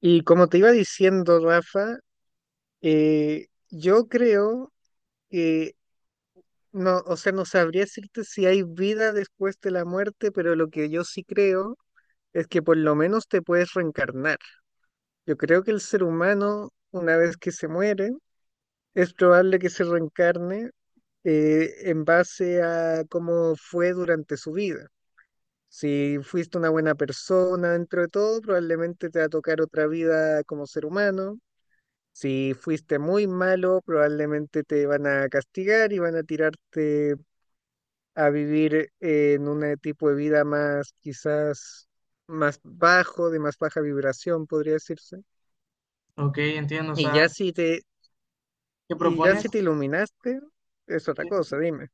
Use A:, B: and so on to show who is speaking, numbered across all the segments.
A: Y como te iba diciendo, Rafa, yo creo que, no sabría decirte si hay vida después de la muerte, pero lo que yo sí creo es que por lo menos te puedes reencarnar. Yo creo que el ser humano, una vez que se muere, es probable que se reencarne en base a cómo fue durante su vida. Si fuiste una buena persona dentro de todo, probablemente te va a tocar otra vida como ser humano. Si fuiste muy malo, probablemente te van a castigar y van a tirarte a vivir en un tipo de vida más, quizás, más bajo, de más baja vibración, podría decirse.
B: Ok, entiendo. O
A: Y
B: sea,
A: ya
B: ¿qué
A: si te, y ya
B: Propones?
A: si te iluminaste, es otra
B: Sí.
A: cosa, dime.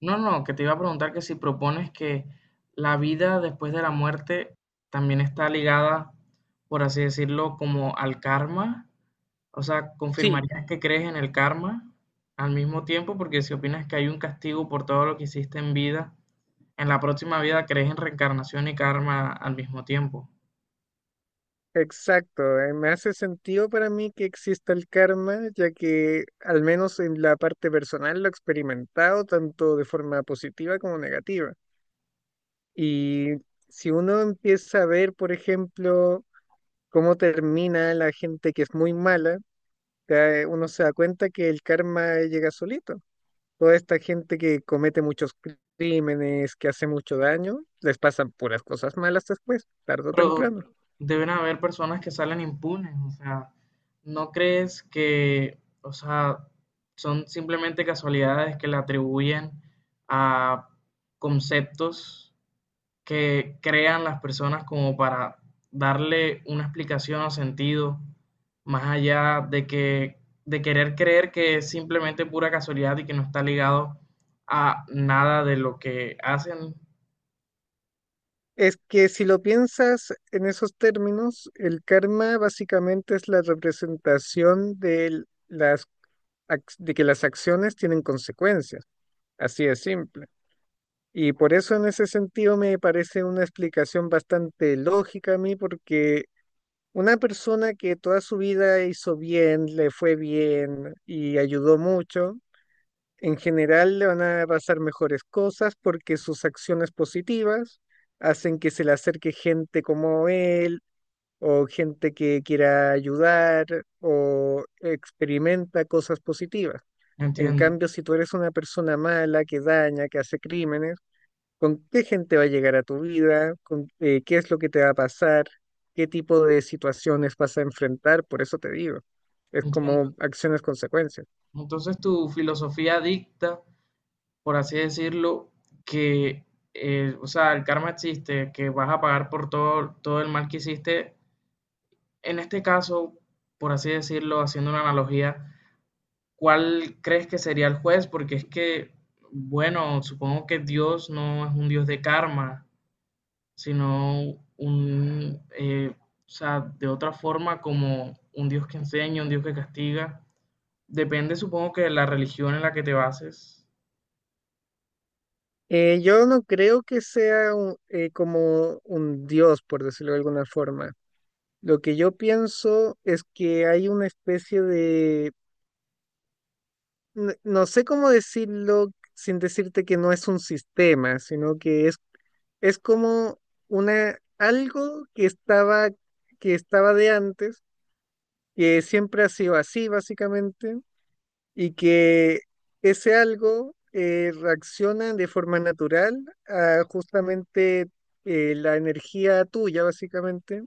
B: No, que te iba a preguntar que si propones que la vida después de la muerte también está ligada, por así decirlo, como al karma. O sea,
A: Sí,
B: ¿confirmarías que crees en el karma al mismo tiempo? Porque si opinas que hay un castigo por todo lo que hiciste en vida, en la próxima vida crees en reencarnación y karma al mismo tiempo.
A: exacto. Me hace sentido para mí que exista el karma, ya que al menos en la parte personal lo he experimentado tanto de forma positiva como negativa. Y si uno empieza a ver, por ejemplo, cómo termina la gente que es muy mala, uno se da cuenta que el karma llega solito. Toda esta gente que comete muchos crímenes, que hace mucho daño, les pasan puras cosas malas después, tarde o
B: Pero
A: temprano.
B: deben haber personas que salen impunes, o sea, ¿no crees que, o sea, son simplemente casualidades que le atribuyen a conceptos que crean las personas como para darle una explicación o sentido más allá de que de querer creer que es simplemente pura casualidad y que no está ligado a nada de lo que hacen?
A: Es que si lo piensas en esos términos, el karma básicamente es la representación de las de que las acciones tienen consecuencias. Así de simple. Y por eso en ese sentido me parece una explicación bastante lógica a mí, porque una persona que toda su vida hizo bien, le fue bien y ayudó mucho, en general le van a pasar mejores cosas porque sus acciones positivas hacen que se le acerque gente como él o gente que quiera ayudar o experimenta cosas positivas. En
B: Entiendo,
A: cambio, si tú eres una persona mala que daña, que hace crímenes, con qué gente va a llegar a tu vida, con qué es lo que te va a pasar, qué tipo de situaciones vas a enfrentar, por eso te digo, es
B: entiendo.
A: como acciones consecuencias.
B: Entonces tu filosofía dicta, por así decirlo, que, o sea, el karma existe, que vas a pagar por todo, todo el mal que hiciste. En este caso, por así decirlo, haciendo una analogía, ¿cuál crees que sería el juez? Porque es que, bueno, supongo que Dios no es un Dios de karma, sino un, eh, o sea, de otra forma como un Dios que enseña, un Dios que castiga. Depende, supongo que de la religión en la que te bases.
A: Yo no creo que sea como un dios, por decirlo de alguna forma. Lo que yo pienso es que hay una especie de, no sé cómo decirlo sin decirte que no es un sistema, sino que es como una, algo que estaba de antes, que siempre ha sido así, básicamente, y que ese algo reacciona de forma natural a justamente la energía tuya, básicamente,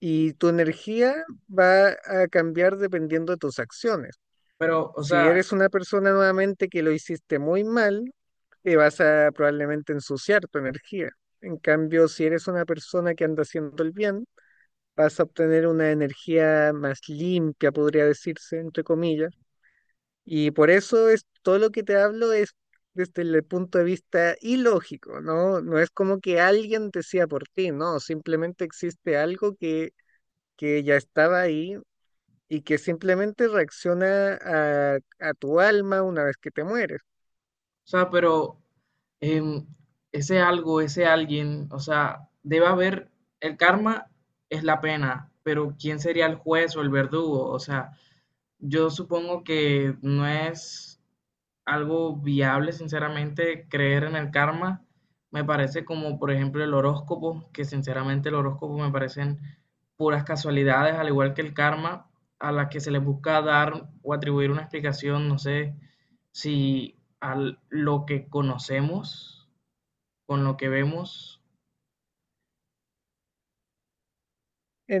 A: y tu energía va a cambiar dependiendo de tus acciones.
B: Pero,
A: Si eres una persona nuevamente que lo hiciste muy mal, vas a probablemente ensuciar tu energía. En cambio, si eres una persona que anda haciendo el bien, vas a obtener una energía más limpia, podría decirse, entre comillas. Y por eso es todo lo que te hablo es desde el punto de vista ilógico, ¿no? No es como que alguien decía por ti, no, simplemente existe algo que ya estaba ahí y que simplemente reacciona a tu alma una vez que te mueres.
B: o sea, pero em, ese algo, ese alguien, o sea, debe haber, el karma es la pena, pero ¿quién sería el juez o el verdugo? O sea, yo supongo que no es algo viable, sinceramente, creer en el karma. Me parece como, por ejemplo, el horóscopo, que sinceramente el horóscopo me parecen puras casualidades, al igual que el karma, a las que se les busca dar o atribuir una explicación, no sé si a lo que conocemos, con lo que vemos.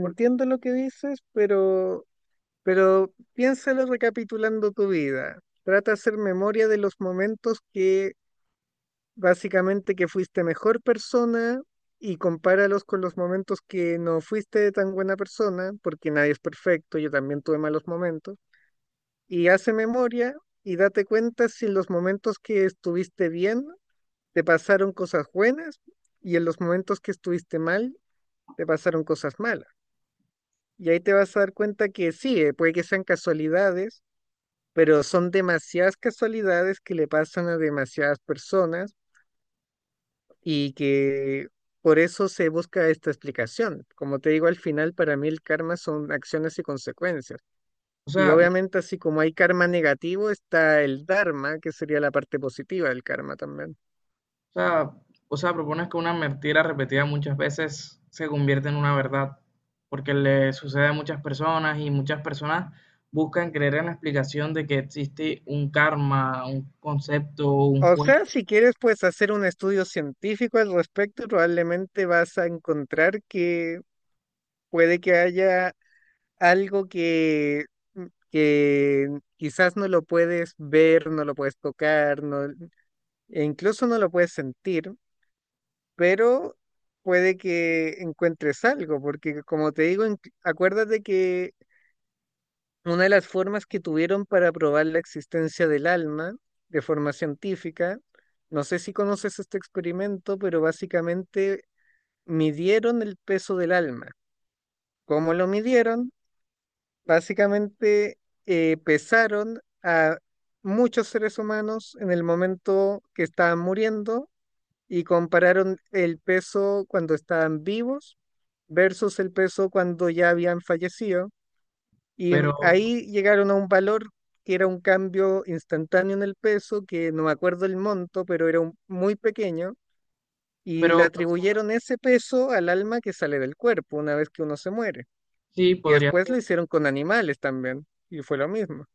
B: por-
A: lo que dices, pero piénsalo recapitulando tu vida. Trata de hacer memoria de los momentos que básicamente que fuiste mejor persona y compáralos con los momentos que no fuiste tan buena persona, porque nadie es perfecto, yo también tuve malos momentos, y hace memoria y date cuenta si en los momentos que estuviste bien te pasaron cosas buenas y en los momentos que estuviste mal te pasaron cosas malas. Y ahí te vas a dar cuenta que sí, puede que sean casualidades, pero son demasiadas casualidades que le pasan a demasiadas personas y que por eso se busca esta explicación. Como te digo, al final para mí el karma son acciones y consecuencias.
B: O
A: Y
B: sea,
A: obviamente así como hay karma negativo, está el dharma, que sería la parte positiva del karma también.
B: O sea, o sea, propones que una mentira repetida muchas veces se convierte en una verdad, porque le sucede a muchas personas y muchas personas buscan creer en la explicación de que existe un karma, un concepto, un
A: O
B: juego,
A: sea, si quieres, pues hacer un estudio científico al respecto, y probablemente vas a encontrar que puede que haya algo que, mm, que quizás no lo puedes ver, no lo puedes tocar, no, e incluso no lo puedes sentir, pero puede que encuentres algo, porque como te digo, acuérdate que una de las formas que tuvieron para probar la existencia del alma de forma científica, no sé si conoces este experimento, pero básicamente midieron el peso del alma. ¿Cómo lo midieron? Básicamente pesaron a muchos seres humanos en el momento que estaban muriendo y compararon el peso cuando estaban vivos versus el peso cuando ya habían fallecido. Y
B: pero,
A: ahí llegaron a un valor que era un cambio instantáneo en el peso, que no me acuerdo el monto, pero era muy pequeño, y le
B: pero o sea,
A: atribuyeron ese peso al alma que sale del cuerpo una vez que uno se muere.
B: sí
A: Y
B: podría
A: después
B: ser,
A: lo hicieron con animales también, y fue lo mismo.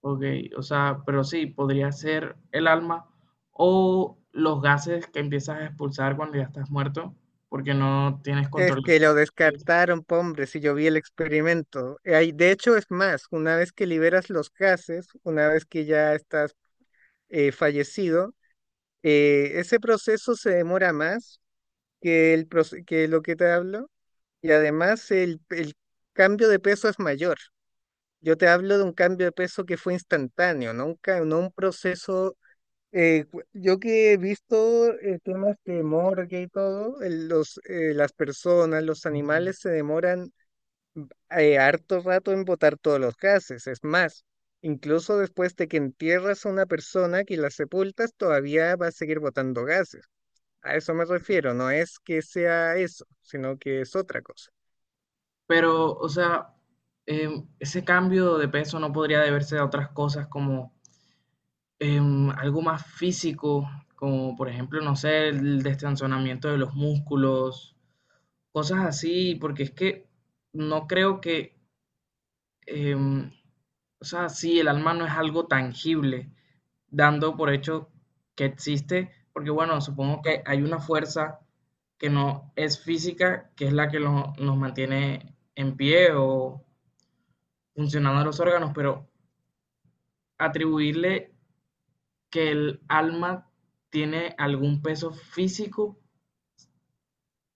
B: ok, o sea, pero sí podría ser el alma o los gases que empiezas a expulsar cuando ya estás muerto, porque no tienes
A: Es
B: control.
A: que lo
B: De
A: descartaron, po, hombre, si yo vi el experimento. De hecho, es más, una vez que liberas los gases, una vez que ya estás fallecido, ese proceso se demora más que lo que te hablo y además el cambio de peso es mayor. Yo te hablo de un cambio de peso que fue instantáneo, no un, no un proceso. Yo que he visto temas de morgue y todo, las personas, los animales se
B: ti.
A: demoran harto rato en botar todos los gases. Es más, incluso después de que entierras a una persona que la sepultas, todavía va a seguir botando gases. A eso me refiero, no es que sea eso, sino que es otra cosa.
B: Pero, o sea, ese cambio de peso no podría deberse a otras cosas como algo más físico, como por ejemplo, no sé, el destensionamiento de los músculos, cosas así, porque es que no creo que, em, o sea, sí, el alma no es algo tangible, dando por hecho que existe, porque bueno, supongo que hay una fuerza que no es física, que es la que nos mantiene en pie o funcionando los órganos, pero atribuirle que el alma tiene algún peso físico, o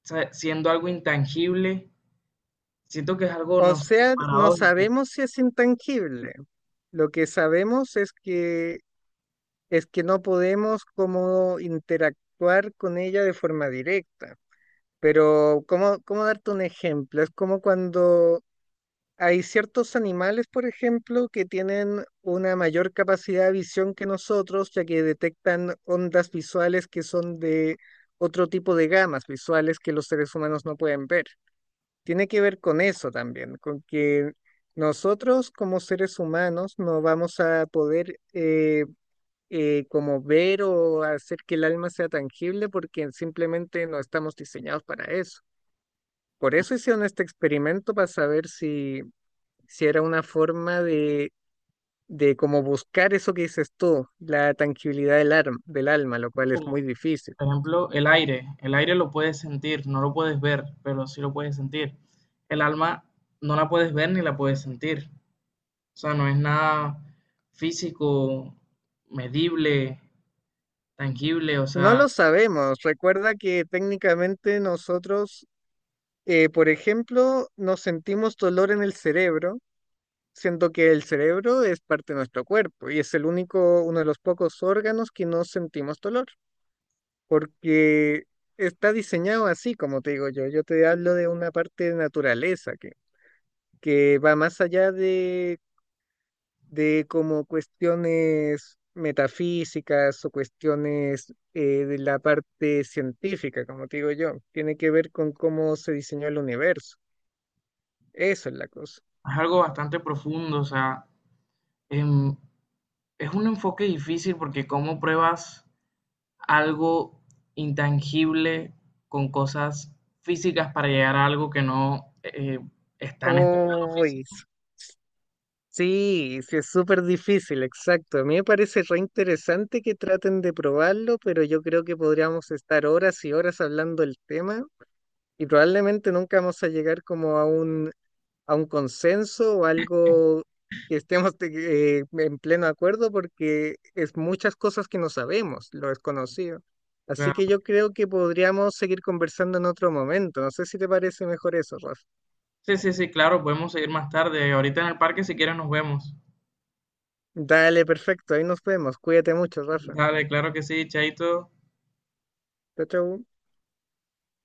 B: sea, siendo algo intangible, siento que es algo,
A: O
B: no sé,
A: sea, no
B: paradójico.
A: sabemos si es intangible. Lo que sabemos es que no podemos como interactuar con ella de forma directa. Pero, ¿ cómo darte un ejemplo? Es como cuando hay ciertos animales, por ejemplo, que tienen una mayor capacidad de visión que nosotros, ya que detectan ondas visuales que son de otro tipo de gamas visuales que los seres humanos no pueden ver. Tiene que ver con eso también, con que nosotros como seres humanos no vamos a poder como ver o hacer que el alma sea tangible porque simplemente no estamos diseñados para eso. Por eso hicieron este experimento para saber si, si era una forma de como buscar eso que dices tú, la tranquilidad del alma, lo cual es
B: Como,
A: muy difícil.
B: por ejemplo, el aire. El aire lo puedes sentir, no lo puedes ver, pero sí lo puedes sentir. El alma no la puedes ver ni la puedes sentir. O sea, no es nada físico, medible, tangible, o
A: No
B: sea,
A: lo sabemos. Recuerda que técnicamente nosotros, por ejemplo, nos sentimos dolor en el cerebro, siendo que el cerebro es parte de nuestro cuerpo y es el único, uno de los pocos órganos que no sentimos dolor. Porque está diseñado así, como te digo yo. Yo te hablo de una parte de naturaleza que va más allá de como cuestiones metafísicas o cuestiones de la parte científica, como te digo yo. Tiene que ver con cómo se diseñó el universo. Eso es la cosa.
B: es algo bastante profundo, o sea, em, es un enfoque difícil porque cómo pruebas algo intangible con cosas físicas para llegar a algo que no está en este plano
A: Uy,
B: físico.
A: Sí, sí, es súper difícil, exacto. A mí me parece re interesante que traten de probarlo, pero yo creo que podríamos estar horas y horas hablando del tema y probablemente nunca vamos a llegar como a un consenso o algo que estemos en pleno acuerdo porque es muchas cosas que no sabemos, lo desconocido. Así que
B: Claro.
A: yo creo que podríamos seguir conversando en otro momento. No sé si te parece mejor eso, Rafa.
B: Sí, sí, sí, claro, podemos seguir más tarde. Ahorita en el parque si quieres nos vemos.
A: Dale, perfecto. Ahí nos vemos. Cuídate mucho, Rafa.
B: Dale, claro que sí, Chaito.
A: Chao, chao.